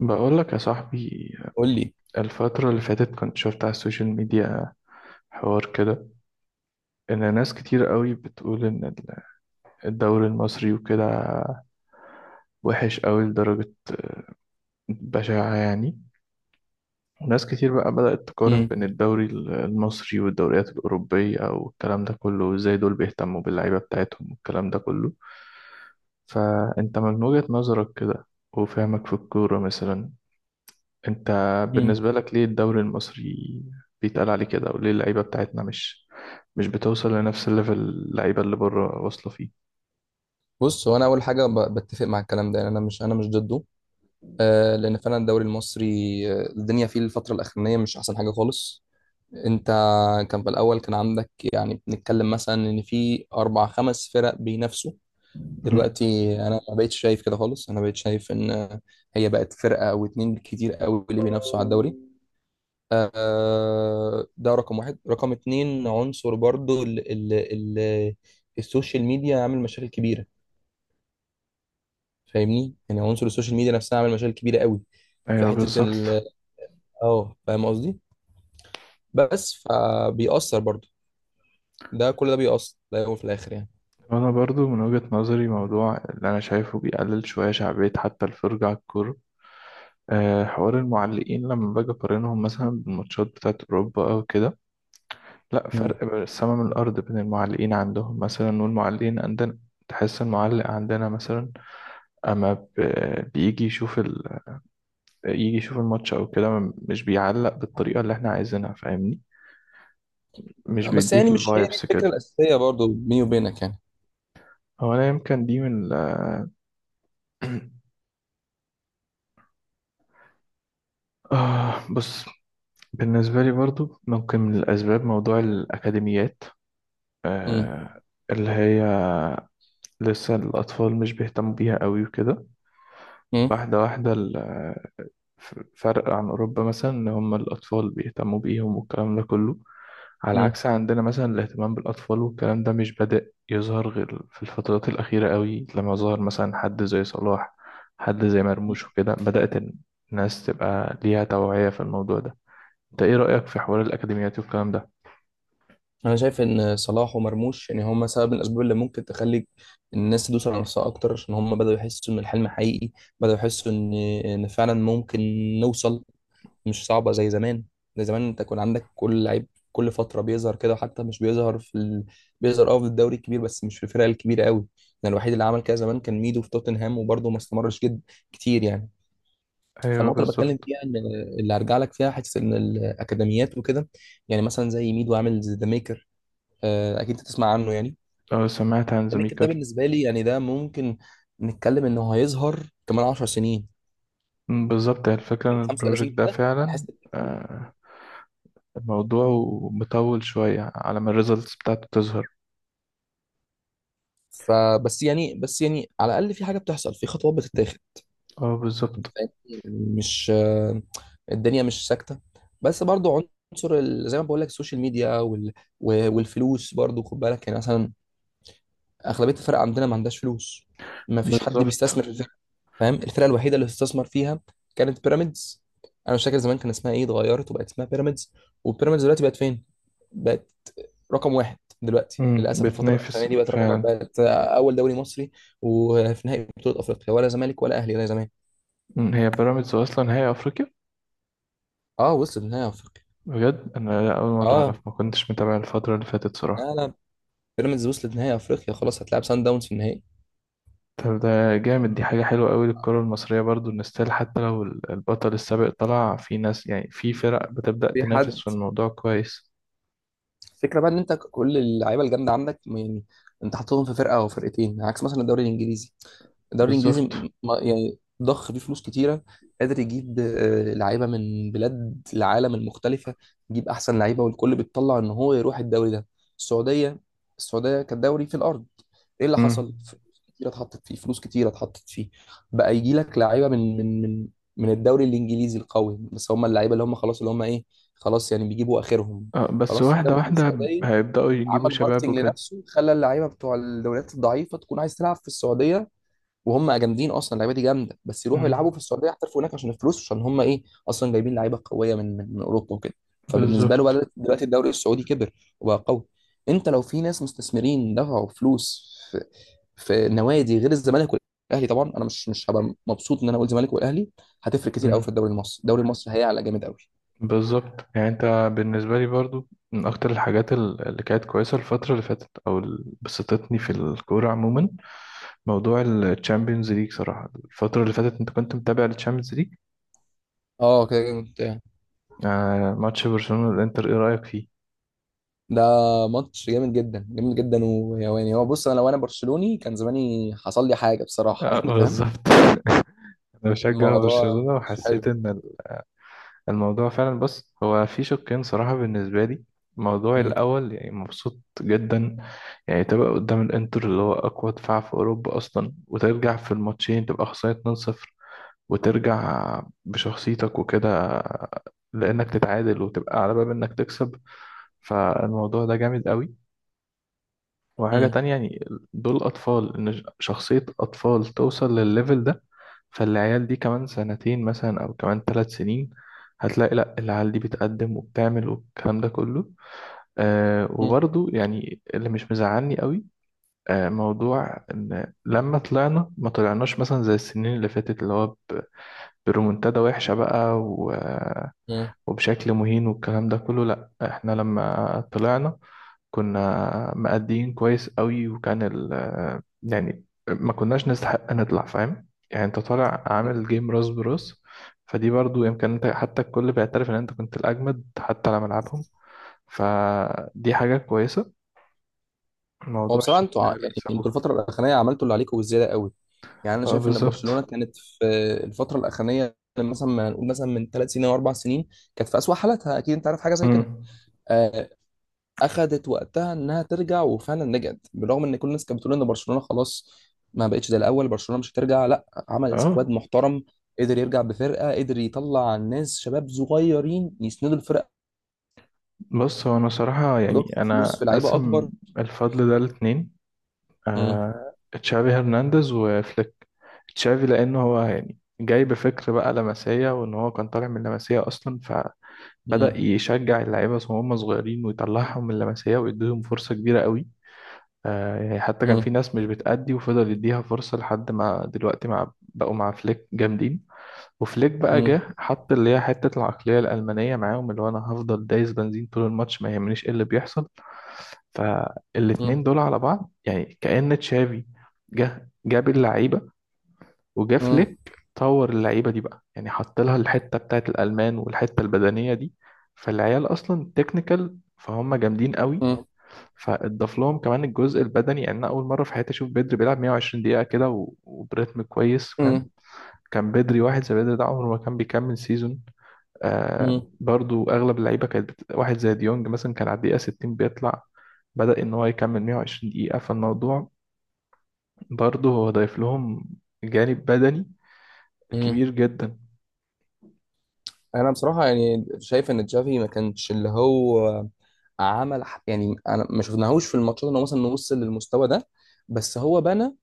بقول لك يا صاحبي، قول لي. الفترة اللي فاتت كنت شفت على السوشيال ميديا حوار كده إن ناس كتير قوي بتقول إن الدوري المصري وكده وحش قوي لدرجة بشعة يعني. وناس كتير بقى بدأت تقارن امم بين الدوري المصري والدوريات الأوروبية والكلام ده كله، وإزاي دول بيهتموا باللعيبة بتاعتهم والكلام ده كله. فأنت من وجهة نظرك كده وفهمك في الكورة مثلا، انت امم بالنسبة لك ليه الدوري المصري بيتقال عليه كده، وليه اللعيبة بتاعتنا مش بتوصل لنفس الليفل اللعيبة اللي بره واصلة فيه؟ بص، هو انا اول حاجه بتفق مع الكلام ده، يعني انا مش ضده. آه، لان فعلا الدوري المصري، الدنيا فيه الفتره الاخرانيه مش احسن حاجه خالص. انت كان في الاول كان عندك، يعني بنتكلم مثلا ان في اربع خمس فرق بينافسوا. مم. دلوقتي انا ما بقتش شايف كده خالص، انا بقيت شايف ان هي بقت فرقه او اتنين كتير قوي اللي بينافسوا على الدوري. آه، ده رقم واحد. رقم اتنين، عنصر برضو ال السوشيال ميديا عامل مشاكل كبيره. فاهمني؟ يعني عنصر السوشيال ميديا نفسها عامل مشاكل كبيره قوي. في ايوه حته بالظبط. ال اه فاهم قصدي؟ بس فبيأثر برضو، ده كل ده بيأثر في الاول وفي الاخر يعني. وانا برضو من وجهة نظري، موضوع اللي انا شايفه بيقلل شوية شعبية حتى الفرجة على الكورة، أه، حوار المعلقين. لما باجي اقارنهم مثلا بالماتشات بتاعت اوروبا او كده، لا، مم. فرق بين السما من الارض بين المعلقين عندهم مثلا والمعلقين عندنا. تحس المعلق عندنا مثلا اما بيجي يشوف يجي يشوف الماتش او كده مش بيعلق بالطريقه اللي احنا عايزينها، فاهمني؟ مش بس بيديك يعني مش هي دي الفايبس الفكره كده. الاساسيه برضو بيني وبينك يعني. هو انا يمكن دي من آه، بص، بالنسبه لي برضو ممكن من الاسباب موضوع الاكاديميات، امم اللي هي لسه الاطفال مش بيهتموا بيها قوي وكده. امم واحده واحده فرق عن اوروبا مثلا، ان هم الاطفال بيهتموا بيهم والكلام ده كله، على امم عكس عندنا مثلا. الاهتمام بالأطفال والكلام ده مش بدأ يظهر غير في الفترات الأخيرة قوي، لما ظهر مثلا حد زي صلاح، حد زي مرموش، وكده بدأت الناس تبقى ليها توعية في الموضوع ده. انت ايه رأيك في حوار الأكاديميات والكلام ده؟ انا شايف ان صلاح ومرموش، يعني هم سبب من الاسباب اللي ممكن تخلي الناس تدوس على نفسها اكتر، عشان هم بداوا يحسوا ان الحلم حقيقي، بداوا يحسوا ان فعلا ممكن نوصل. مش صعبة زي زمان. زي زمان انت كان عندك كل لعيب كل فترة بيظهر كده، وحتى مش بيظهر بيظهر في الدوري الكبير بس مش في الفرق الكبيرة قوي. يعني الوحيد اللي عمل كده زمان كان ميدو في توتنهام، وبرضه ما استمرش جد كتير يعني. ايوه فالنقطة اللي بتكلم بالظبط. فيها ان اللي هرجع لك فيها حتة ان الأكاديميات وكده، يعني مثلا زي ميدو عامل ذا ميكر. آه، أكيد انت تسمع عنه يعني. اه سمعت عن ذا ميكر ده زميكر. بالنسبة لي يعني ده ممكن نتكلم انه هيظهر كمان 10 سنين، مم، بالظبط، هي الفكرة ان البروجكت 35 ده كده هنحس فعلا بتأثيره. آه، الموضوع مطول شوية على ما الريزلتس بتاعته تظهر. فبس يعني بس يعني على الاقل في حاجه بتحصل، في خطوات بتتاخد. اه أنت بالظبط. فاهمني؟ مش آه، الدنيا مش ساكته. بس برضو عنصر زي ما بقول لك السوشيال ميديا والفلوس برضو، خد بالك. يعني مثلا اغلبيه الفرق عندنا ما عندهاش فلوس، ما فيش حد بالظبط. بيستثمر في الفرقه. فاهم؟ الفرقه الوحيده اللي استثمر فيها كانت بيراميدز. انا مش فاكر زمان كان اسمها ايه، اتغيرت وبقت اسمها بيراميدز. وبيراميدز دلوقتي بقت فين؟ بقت رقم واحد دلوقتي، مم، للاسف الفتره الاخرانيه بتنافس دي بقت رقم واحد، فعلا. بقت اول دوري مصري وفي نهائي بطوله افريقيا، ولا زمالك ولا اهلي زي زمان. مم، هي بيراميدز اصلا هي افريقيا. اه، وصلت نهائي افريقيا. بجد انا اول مره اه. مم. اعرف، ما كنتش متابع الفتره اللي فاتت صراحه. لا، لا، بيراميدز وصلت نهائي افريقيا، خلاص هتلعب سان داونز في النهائي. طب ده جامد، دي حاجه حلوه قوي للكره المصريه برضو، ان ستيل حتى لو البطل السابق طلع، في ناس يعني في فرق بتبدا في تنافس حد في الموضوع كويس. الفكره بقى ان انت كل اللعيبه الجامده عندك يعني انت حاططهم في فرقه او فرقتين، عكس مثلا الدوري الانجليزي. الدوري الانجليزي بالظبط. يعني ضخ فيه فلوس كتيره، قادر يجيب لعيبه من بلاد العالم المختلفه، يجيب احسن لعيبه، والكل بيتطلع ان هو يروح الدوري ده. السعوديه السعوديه كدوري في الارض، ايه اللي امم. حصل؟ كتير اتحطت فيه، فلوس كتير اتحطت فيه، بقى يجي لك لعيبه من الدوري الانجليزي القوي. بس هم اللعيبه اللي هم خلاص، اللي هم ايه، خلاص يعني بيجيبوا اخرهم، آه بس خلاص واحده جابهم من واحده، السعوديه. هيبداوا يجيبوا عمل شباب ماركتنج وكده. لنفسه، خلى اللعيبه بتوع الدوريات الضعيفه تكون عايز تلعب في السعوديه، وهم جامدين اصلا، اللعيبه دي جامده، بس يروحوا امم. يلعبوا في السعوديه يحترفوا هناك عشان الفلوس، عشان هم ايه، اصلا جايبين لعيبه قويه من اوروبا وكده. فبالنسبه له بالظبط. بدأت دلوقتي الدوري السعودي كبر وبقى قوي. انت لو في ناس مستثمرين دفعوا فلوس في نوادي غير الزمالك والاهلي، طبعا انا مش هبقى مبسوط ان انا اقول الزمالك والاهلي، هتفرق كتير قوي في الدوري المصري، الدوري المصري هيعلى جامد قوي. بالظبط يعني انت، بالنسبه لي برضو من اكتر الحاجات اللي كانت كويسه الفتره اللي فاتت او اللي بسطتني في الكوره عموما، موضوع الشامبيونز ليج صراحه. الفتره اللي فاتت انت كنت متابع الشامبيونز ليج؟ اه كده جامد. آه، ماتش برشلونه والانتر، ايه رايك فيه؟ ده ماتش جامد جدا جامد جدا، ويواني. هو بص، انا لو انا برشلوني كان زماني حصل لي حاجه بصراحه آه يعني فاهم؟ بالظبط. انا بشجع الموضوع برشلونه مش وحسيت حلو. ان الموضوع فعلا، بص هو في شقين صراحة بالنسبة لي. الموضوع مم. الأول، يعني مبسوط جدا. يعني تبقى قدام الإنتر اللي هو أقوى دفاع في أوروبا أصلا، وترجع في الماتشين تبقى خسران 2-0 وترجع بشخصيتك وكده، لأنك تتعادل وتبقى على باب إنك تكسب، فالموضوع ده جامد قوي. وحاجة مم. تانية يعني، دول أطفال، إن شخصية أطفال توصل للليفل ده، فالعيال دي كمان سنتين مثلا أو كمان ثلاث سنين هتلاقي، لأ، العيال دي بتقدم وبتعمل والكلام ده كله. آه، مم. وبرضو يعني اللي مش مزعلني قوي، آه، موضوع إن لما طلعنا ما طلعناش مثلا زي السنين اللي فاتت، اللي هو برومنتادا وحشة بقى مم. وبشكل مهين والكلام ده كله، لأ، احنا لما طلعنا كنا مأديين كويس قوي، وكان يعني ما كناش نستحق نطلع، فاهم؟ يعني انت طالع عامل جيم راس براس، فدي برضو يمكن انت، حتى الكل بيعترف ان انت كنت الأجمد حتى على ملعبهم، فدي حاجة كويسة. هو موضوع بصراحه انتوا الشخصية اللي يعني انتوا اكتسبوها. الفتره الاخرانيه عملتوا اللي عليكم وزياده قوي. يعني انا اه شايف ان برشلونه بالظبط. كانت في الفتره الاخرانيه، مثلا ما نقول مثلا من ثلاث سنين او اربع سنين، كانت في اسوأ حالاتها، اكيد انت عارف حاجه زي كده. امم. آه، اخذت وقتها انها ترجع وفعلا رجعت، بالرغم ان كل الناس كانت بتقول ان برشلونه خلاص ما بقتش زي الاول، برشلونه مش هترجع. لا، عمل سكواد اه، محترم، قدر يرجع بفرقه، قدر يطلع ناس شباب صغيرين يسندوا الفرقه، بص، هو انا صراحة يعني ويضخوا فلوس انا في لعيبه قاسم اكبر. الفضل ده لاتنين، مم. آه، تشافي هرنانديز وفليك. تشافي لأنه هو يعني جاي بفكر بقى لمسية، وإن هو كان طالع من لمسية أصلا، فبدأ مم. يشجع اللعيبة وهم صغيرين ويطلعهم من لمسية ويديهم فرصة كبيرة قوي. آه، يعني حتى كان مم. في ناس مش بتأدي وفضل يديها فرصة لحد ما دلوقتي مع بقوا مع فليك جامدين. وفليك بقى مم. جه حط اللي هي حتة العقلية الألمانية معاهم، اللي هو أنا هفضل دايس بنزين طول الماتش ما يهمنيش إيه اللي بيحصل. مم. فالاتنين دول على بعض، يعني كأن تشافي جه جاب اللعيبة، وجا مم. فليك طور اللعيبة دي بقى، يعني حط لها الحتة بتاعت الألمان والحتة البدنية دي. فالعيال أصلا تكنيكال، فهم جامدين قوي، مم. فاضاف لهم كمان الجزء البدني. يعني انا اول مره في حياتي اشوف بدري بيلعب 120 دقيقه كده وبريتم كويس، فاهم؟ مم. كان بدري، واحد زي بدري ده عمره ما كان بيكمل سيزون. آه، مم. برضو اغلب اللعيبه كانت واحد زي ديونج مثلا كان على الدقيقه 60 بيطلع، بدأ ان هو يكمل 120 دقيقه، فالموضوع برضو هو ضايف لهم جانب بدني مم. كبير جدا. انا بصراحه يعني شايف ان تشافي ما كانش اللي هو عمل يعني انا ما شفناهوش في الماتشات ان هو مثلا وصل للمستوى ده، بس هو بنى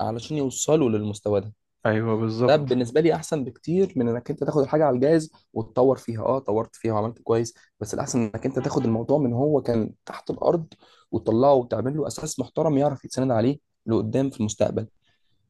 علشان يوصلوا للمستوى ده. ايوه ده بالظبط. بالنسبه لي احسن بكتير من انك انت تاخد الحاجه على الجاهز وتطور فيها، طورت فيها وعملت كويس، بس الاحسن انك انت تاخد الموضوع من هو كان تحت الارض وتطلعه وتعمل له اساس محترم يعرف يتسند عليه لقدام في المستقبل.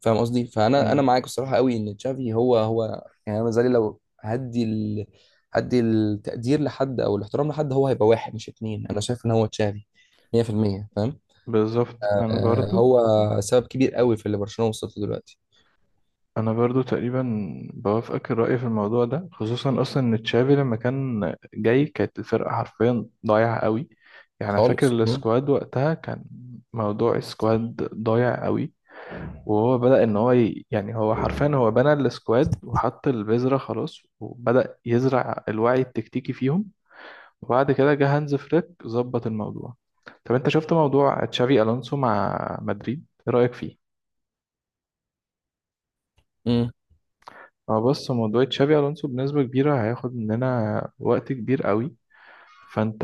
فاهم قصدي؟ فانا مم. معاك الصراحه قوي ان تشافي هو يعني، انا زي لو هدي التقدير لحد او الاحترام لحد، هو هيبقى واحد مش اتنين، انا شايف ان هو تشافي 100% فاهم؟ بالظبط. انا آه، برضو هو سبب كبير قوي في اللي برشلونه وصلت له دلوقتي. انا برضو تقريبا بوافقك الرأي في الموضوع ده، خصوصا اصلا ان تشافي لما كان جاي كانت الفرقه حرفيا ضايعه قوي. يعني أنا فاكر خالص. مم. السكواد وقتها كان، موضوع السكواد ضايع قوي، وهو بدأ إن هو يعني هو حرفيا هو بنى السكواد وحط البذرة خلاص، وبدأ يزرع الوعي التكتيكي فيهم، وبعد كده جه هانز فليك ظبط الموضوع. طب أنت شفت موضوع تشافي ألونسو مع مدريد، إيه رأيك فيه؟ امم هو بص، موضوع تشافي ألونسو بنسبة كبيرة هياخد مننا وقت كبير قوي، فأنت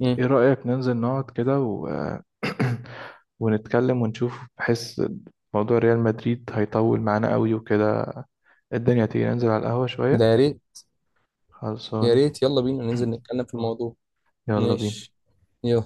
امم إيه رأيك ننزل نقعد كده و... ونتكلم ونشوف، بحيث موضوع ريال مدريد هيطول معانا قوي وكده. الدنيا تيجي ننزل على القهوة ده شوية يا ريت. يا خلصانة. ريت، يلا بينا ننزل نتكلم في الموضوع. يلا بينا. ماشي. يلا.